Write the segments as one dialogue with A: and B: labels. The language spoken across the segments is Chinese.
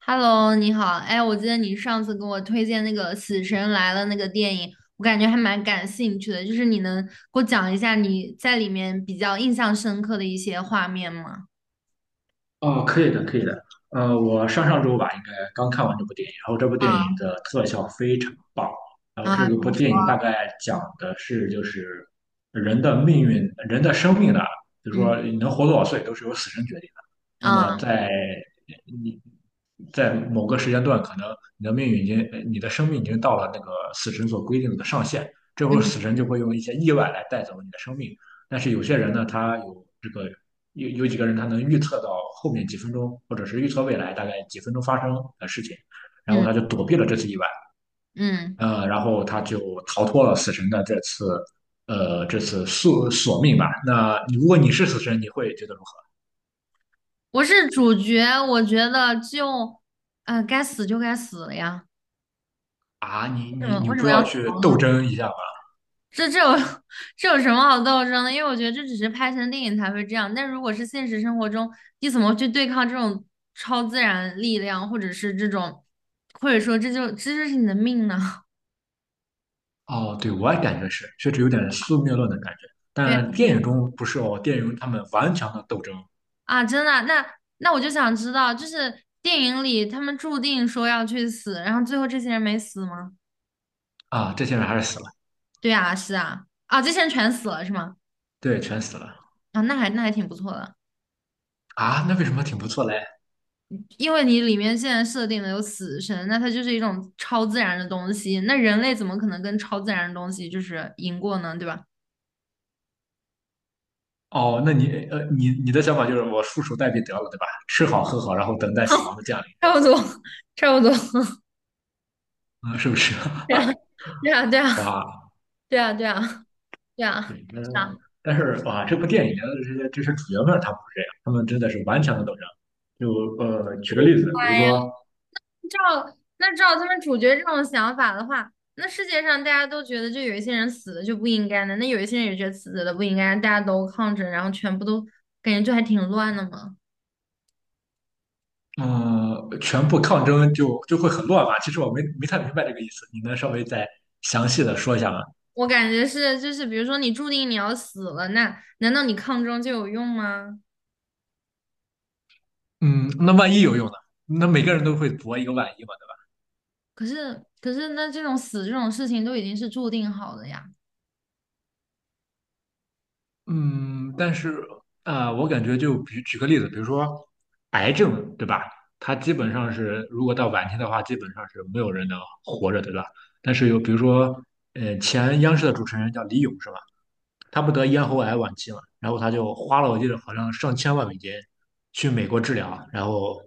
A: Hello，你好，哎，我记得你上次给我推荐那个《死神来了》那个电影，我感觉还蛮感兴趣的，就是你能给我讲一下你在里面比较印象深刻的一些画面吗？
B: 哦，可以的，可以的。我上上周吧，应该刚看完这部电影，然后这部电影
A: 啊，
B: 的特效非常棒。然后这
A: 啊，比
B: 个部
A: 如说，
B: 电影大概讲的是，就是人的命运、人的生命呢，就如
A: 嗯，
B: 说你能活多少岁，都是由死神决定的。那
A: 啊，
B: 么在你在某个时间段，可能你的生命已经到了那个死神所规定的上限，这会儿死
A: 嗯
B: 神就会用一些意外来带走你的生命。但是有些人呢，他有这个。有几个人他能预测到后面几分钟，或者是预测未来大概几分钟发生的事情，然后
A: 嗯
B: 他就躲避了这次意外。
A: 嗯，
B: 然后他就逃脱了死神的这次，这次索命吧。那如果你是死神，你会觉得如何
A: 我是主角，我觉得就，该死就该死了呀，
B: 啊？你
A: 为什
B: 你
A: 么
B: 你
A: 为什
B: 不
A: 么
B: 要
A: 要
B: 去
A: 逃
B: 斗
A: 呢？
B: 争一下吧？
A: 这有 这有什么好斗争的？因为我觉得这只是拍成电影才会这样，但如果是现实生活中，你怎么去对抗这种超自然力量，或者是这种，或者说这就是你的命呢？
B: 哦，对，我也感觉是，确实有点宿命论的感觉。
A: 对啊，
B: 但
A: 对
B: 电
A: 啊，
B: 影中不是哦，电影中他们顽强的斗争
A: 啊，真的啊那我就想知道，就是电影里他们注定说要去死，然后最后这些人没死吗？
B: 啊。这些人还是死了。
A: 对啊，是啊，啊，这些人全死了是吗？
B: 对，全死了
A: 啊，那还挺不错的。
B: 啊。那为什么挺不错嘞？
A: 因为你里面现在设定的有死神，那它就是一种超自然的东西，那人类怎么可能跟超自然的东西就是赢过呢？对吧？
B: 哦，那你的想法就是我束手待毙得了，对吧？吃好喝好，然后等待死亡的降临，对
A: 差
B: 吧？
A: 不多，差不多，
B: 啊，是不是？
A: 对啊，对啊，对啊，
B: 哇，
A: 对啊，对啊，对啊，
B: 对。那
A: 是啊，
B: 但是哇，这部电影的这些主角们他不是这样，他们真的是顽强的斗争。就举个例子，比如
A: 哎呀，
B: 说，
A: 照那照他们主角这种想法的话，那世界上大家都觉得就有一些人死了就不应该的，那有一些人也觉得死了不应该，大家都抗争，然后全部都感觉就还挺乱的嘛。
B: 嗯。全部抗争就会很乱吧？其实我没太明白这个意思，你能稍微再详细的说一下吗？
A: 我感觉是，就是比如说你注定你要死了，那难道你抗争就有用吗？
B: 嗯，那万一有用呢？那每个人都会搏一个万一嘛？
A: 可是那这种事情都已经是注定好的呀，
B: 嗯，但是啊，我感觉举个例子，比如说癌症，对吧？它基本上是，如果到晚期的话，基本上是没有人能活着，对吧？但是有，比如说，前央视的主持人叫李咏，是吧？他不得咽喉癌晚期嘛，然后他就花了，我记得好像上千万美金去美国治疗。然后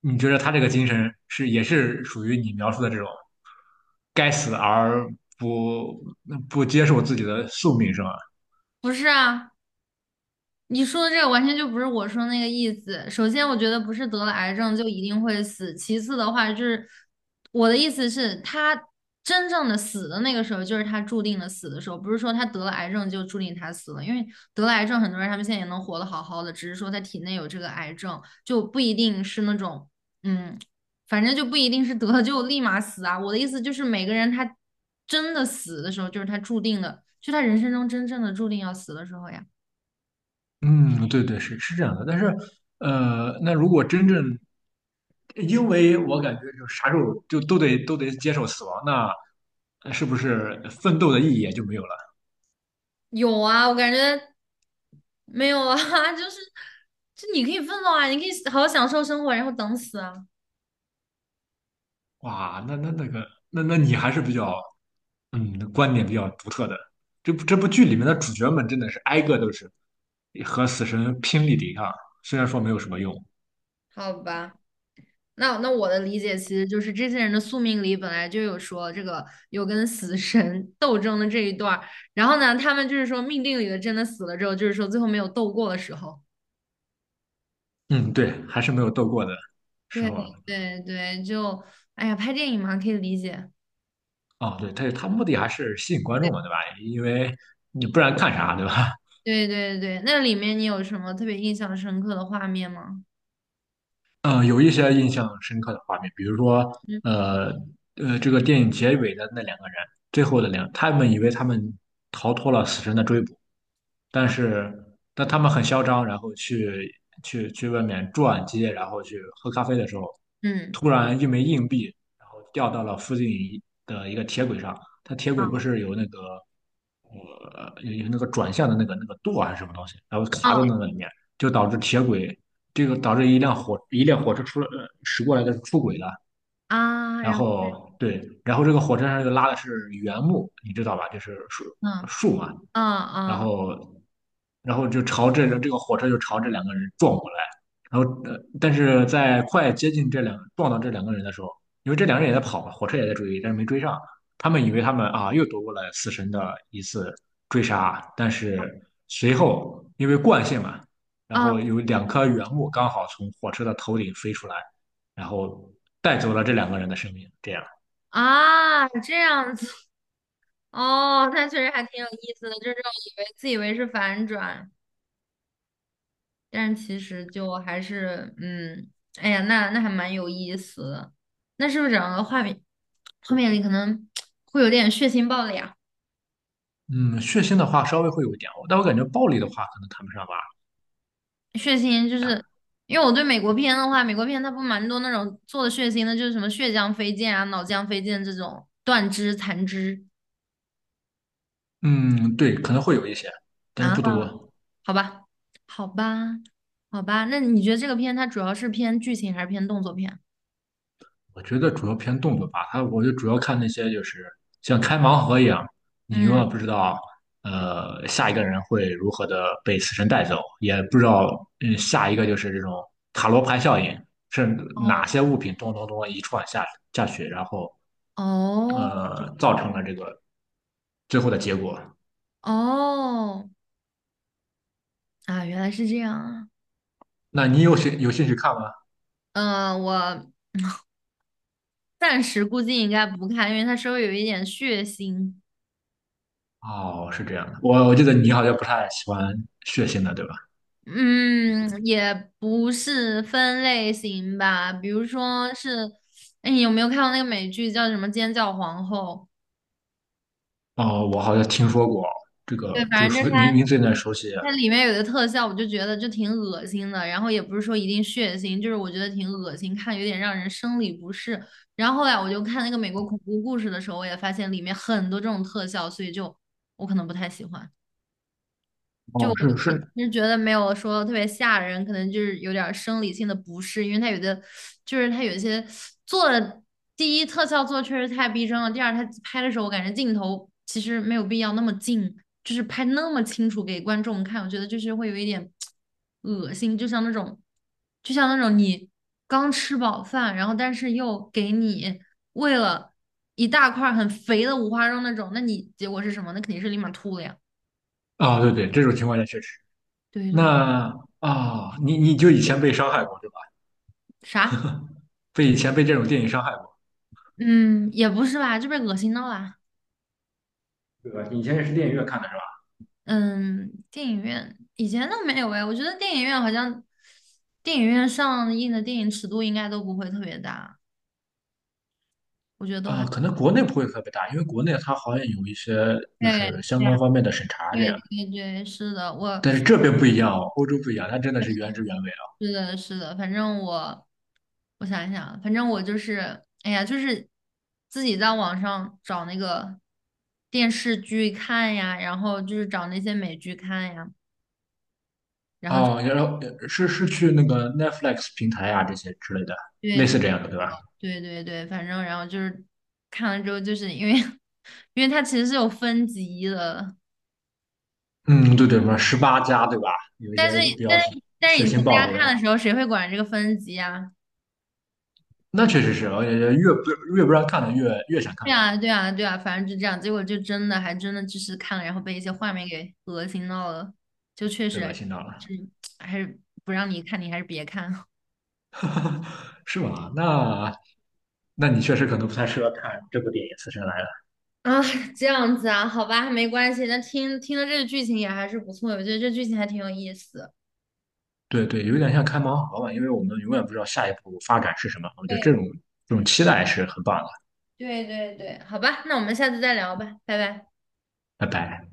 B: 你觉得他这个精神是也是属于你描述的这种该死而不不接受自己的宿命，是吗？
A: 不是啊？你说的这个完全就不是我说那个意思。首先，我觉得不是得了癌症就一定会死。其次的话，就是我的意思是，他真正的死的那个时候，就是他注定的死的时候，不是说他得了癌症就注定他死了。因为得了癌症，很多人他们现在也能活得好好的，只是说他体内有这个癌症，就不一定是那种，嗯，反正就不一定是得了就立马死啊。我的意思就是，每个人他真的死的时候，就是他注定的，就他人生中真正的注定要死的时候呀。
B: 嗯，对对，是这样的。但是，那如果真正，因为我感觉就啥时候就都得接受死亡，那是不是奋斗的意义也就没有了？
A: 有啊，我感觉没有啊，就是就你可以奋斗啊，你可以好好享受生活，然后等死啊。
B: 哇，那那个，那你还是比较，嗯，观点比较独特的。这部剧里面的主角们真的是挨个都是和死神拼力抵抗，虽然说没有什么用。
A: 好吧，那我的理解其实就是这些人的宿命里本来就有说这个有跟死神斗争的这一段儿，然后呢，他们就是说命定里的真的死了之后，就是说最后没有斗过的时候。
B: 嗯，对，还是没有斗过的时
A: 对
B: 候。
A: 对对，就哎呀，拍电影嘛，可以理解。
B: 哦，对，他目的还是吸引观众嘛，对吧？因为你不然看啥，对吧？
A: 对对对，那里面你有什么特别印象深刻的画面吗？
B: 嗯，有一些印象深刻的画面，比如说，呃这个电影结尾的那两个人，最后的两，他们以为他们逃脱了死神的追捕。但是他们很嚣张，然后去外面转街，然后去喝咖啡的时候，
A: 嗯，
B: 突然一枚硬币，然后掉到了附近一个铁轨上。它铁轨不
A: 啊
B: 是有那个转向的那个舵还是什么东西，然后
A: 啊
B: 卡在那个里面，就导致铁轨这个导致一辆火车驶过来的出轨了。
A: 啊，
B: 然
A: 然后。
B: 后对，然后这个火车上又拉的是原木，你知道吧？就是树
A: 嗯
B: 树嘛。
A: 啊
B: 然
A: 啊
B: 后，就朝这个火车就朝这两个人撞过来。然后，但是在快接近撞到这两个人的时候，因为这两个人也在跑嘛，火车也在追，但是没追上。他们以为他们啊又躲过了死神的一次追杀，但是随后因为惯性嘛，然
A: 啊
B: 后有两颗原木刚好从火车的头顶飞出来，然后带走了这两个人的生命。这样，
A: 啊！这样子哦，那确实还挺有意思的，就是这种自以为是反转，但是其实就还是嗯，哎呀，那还蛮有意思的。那是不是整个画面里可能会有点血腥暴力啊？
B: 嗯，血腥的话稍微会有一点，但我感觉暴力的话可能谈不上吧。
A: 血腥就是因为我对美国片的话，美国片它不蛮多那种做的血腥的，就是什么血浆飞溅啊、脑浆飞溅这种断肢、残肢。
B: 嗯，对，可能会有一些，但是
A: 啊。
B: 不多。
A: 好吧，好吧，好吧。那你觉得这个片它主要是偏剧情还是偏动作片？
B: 我觉得主要偏动作吧，它我就主要看那些就是像开盲盒一样，你永
A: 嗯，
B: 远不知道。下一个人会如何的被死神带走，也不知道。嗯，下一个就是这种塔罗牌效应，是
A: 哦
B: 哪些物品咚咚咚一串下去，然后
A: 哦
B: 造成了这个最后的结果。
A: 哦啊，原来是这样啊。
B: 那你有兴趣看吗？
A: 嗯、我暂时估计应该不看，因为它稍微有一点血腥。
B: 哦，是这样的，我记得你好像不太喜欢血腥的，对吧？
A: 嗯，也不是分类型吧，比如说是，哎，你有没有看过那个美剧叫什么《尖叫皇后》？
B: 哦，我好像听说过这个
A: 对，
B: 这
A: 反
B: 个
A: 正就是。
B: 名字有点熟悉。
A: 它里面有的特效，我就觉得就挺恶心的，然后也不是说一定血腥，就是我觉得挺恶心，看有点让人生理不适。然后后来我就看那个美国恐怖故事的时候，我也发现里面很多这种特效，所以就我可能不太喜欢。
B: 哦，
A: 就。
B: 是是。
A: 就觉得没有说特别吓人，可能就是有点儿生理性的不适，因为它有一些做的第一特效做的确实太逼真了，第二它拍的时候我感觉镜头其实没有必要那么近，就是拍那么清楚给观众看，我觉得就是会有一点恶心，就像那种你刚吃饱饭，然后但是又给你喂了一大块儿很肥的五花肉那种，那你结果是什么？那肯定是立马吐了呀。
B: 哦，对对，这种情况下确实。
A: 对对，
B: 那啊。哦，你就以前被伤害过，对吧？
A: 啥？
B: 以前被这种电影伤害过，
A: 嗯，也不是吧，这被恶心到啦。
B: 对吧？你以前也是电影院看的是吧？
A: 嗯，电影院以前都没有哎，我觉得电影院好像电影院上映的电影尺度应该都不会特别大，我觉得都还
B: 啊。可能国内不会特别大，因为国内它好像有一些就是
A: 对
B: 相
A: 对
B: 关
A: 啊
B: 方面的审查这
A: 对
B: 样，
A: 对对，是的，我
B: 但是这边不一样哦，欧洲不一样，它真的是原汁原味。
A: 是的是的，反正我想一想啊，反正我就是哎呀，就是自己在网上找那个电视剧看呀，然后就是找那些美剧看呀，然后就
B: 哦，然后是去那个 Netflix 平台啊这些之类的，类似这样的，对吧？
A: 对对对对，反正然后就是看了之后，就是因为 因为它其实是有分级的，
B: 嗯，对对，什么18家，对吧？有一
A: 但
B: 些
A: 是
B: 比
A: 但
B: 较
A: 是但是
B: 血
A: 以
B: 腥
A: 前大
B: 暴
A: 家
B: 力
A: 看
B: 的。
A: 的时候，谁会管这个分级啊？
B: 那确实是，而且越不让看的越想看，
A: 对
B: 是吧？
A: 啊对啊对啊，反正就这样，结果就真的还真的就是看了，然后被一些画面给恶心到了，就确
B: 被
A: 实
B: 恶心到了，
A: 是还是不让你看，你还是别看。
B: 是吗？那你确实可能不太适合看这部电影《死神来了》。
A: 啊，这样子啊，好吧，没关系。那听听了这个剧情也还是不错，我觉得这剧情还挺有意思。
B: 对对，有点像开盲盒吧，因为我们永远不知道下一步发展是什么。我觉得这
A: 对
B: 种这种
A: 对
B: 期待是很棒的。
A: 对对对，好吧，那我们下次再聊吧，拜拜。
B: 拜拜。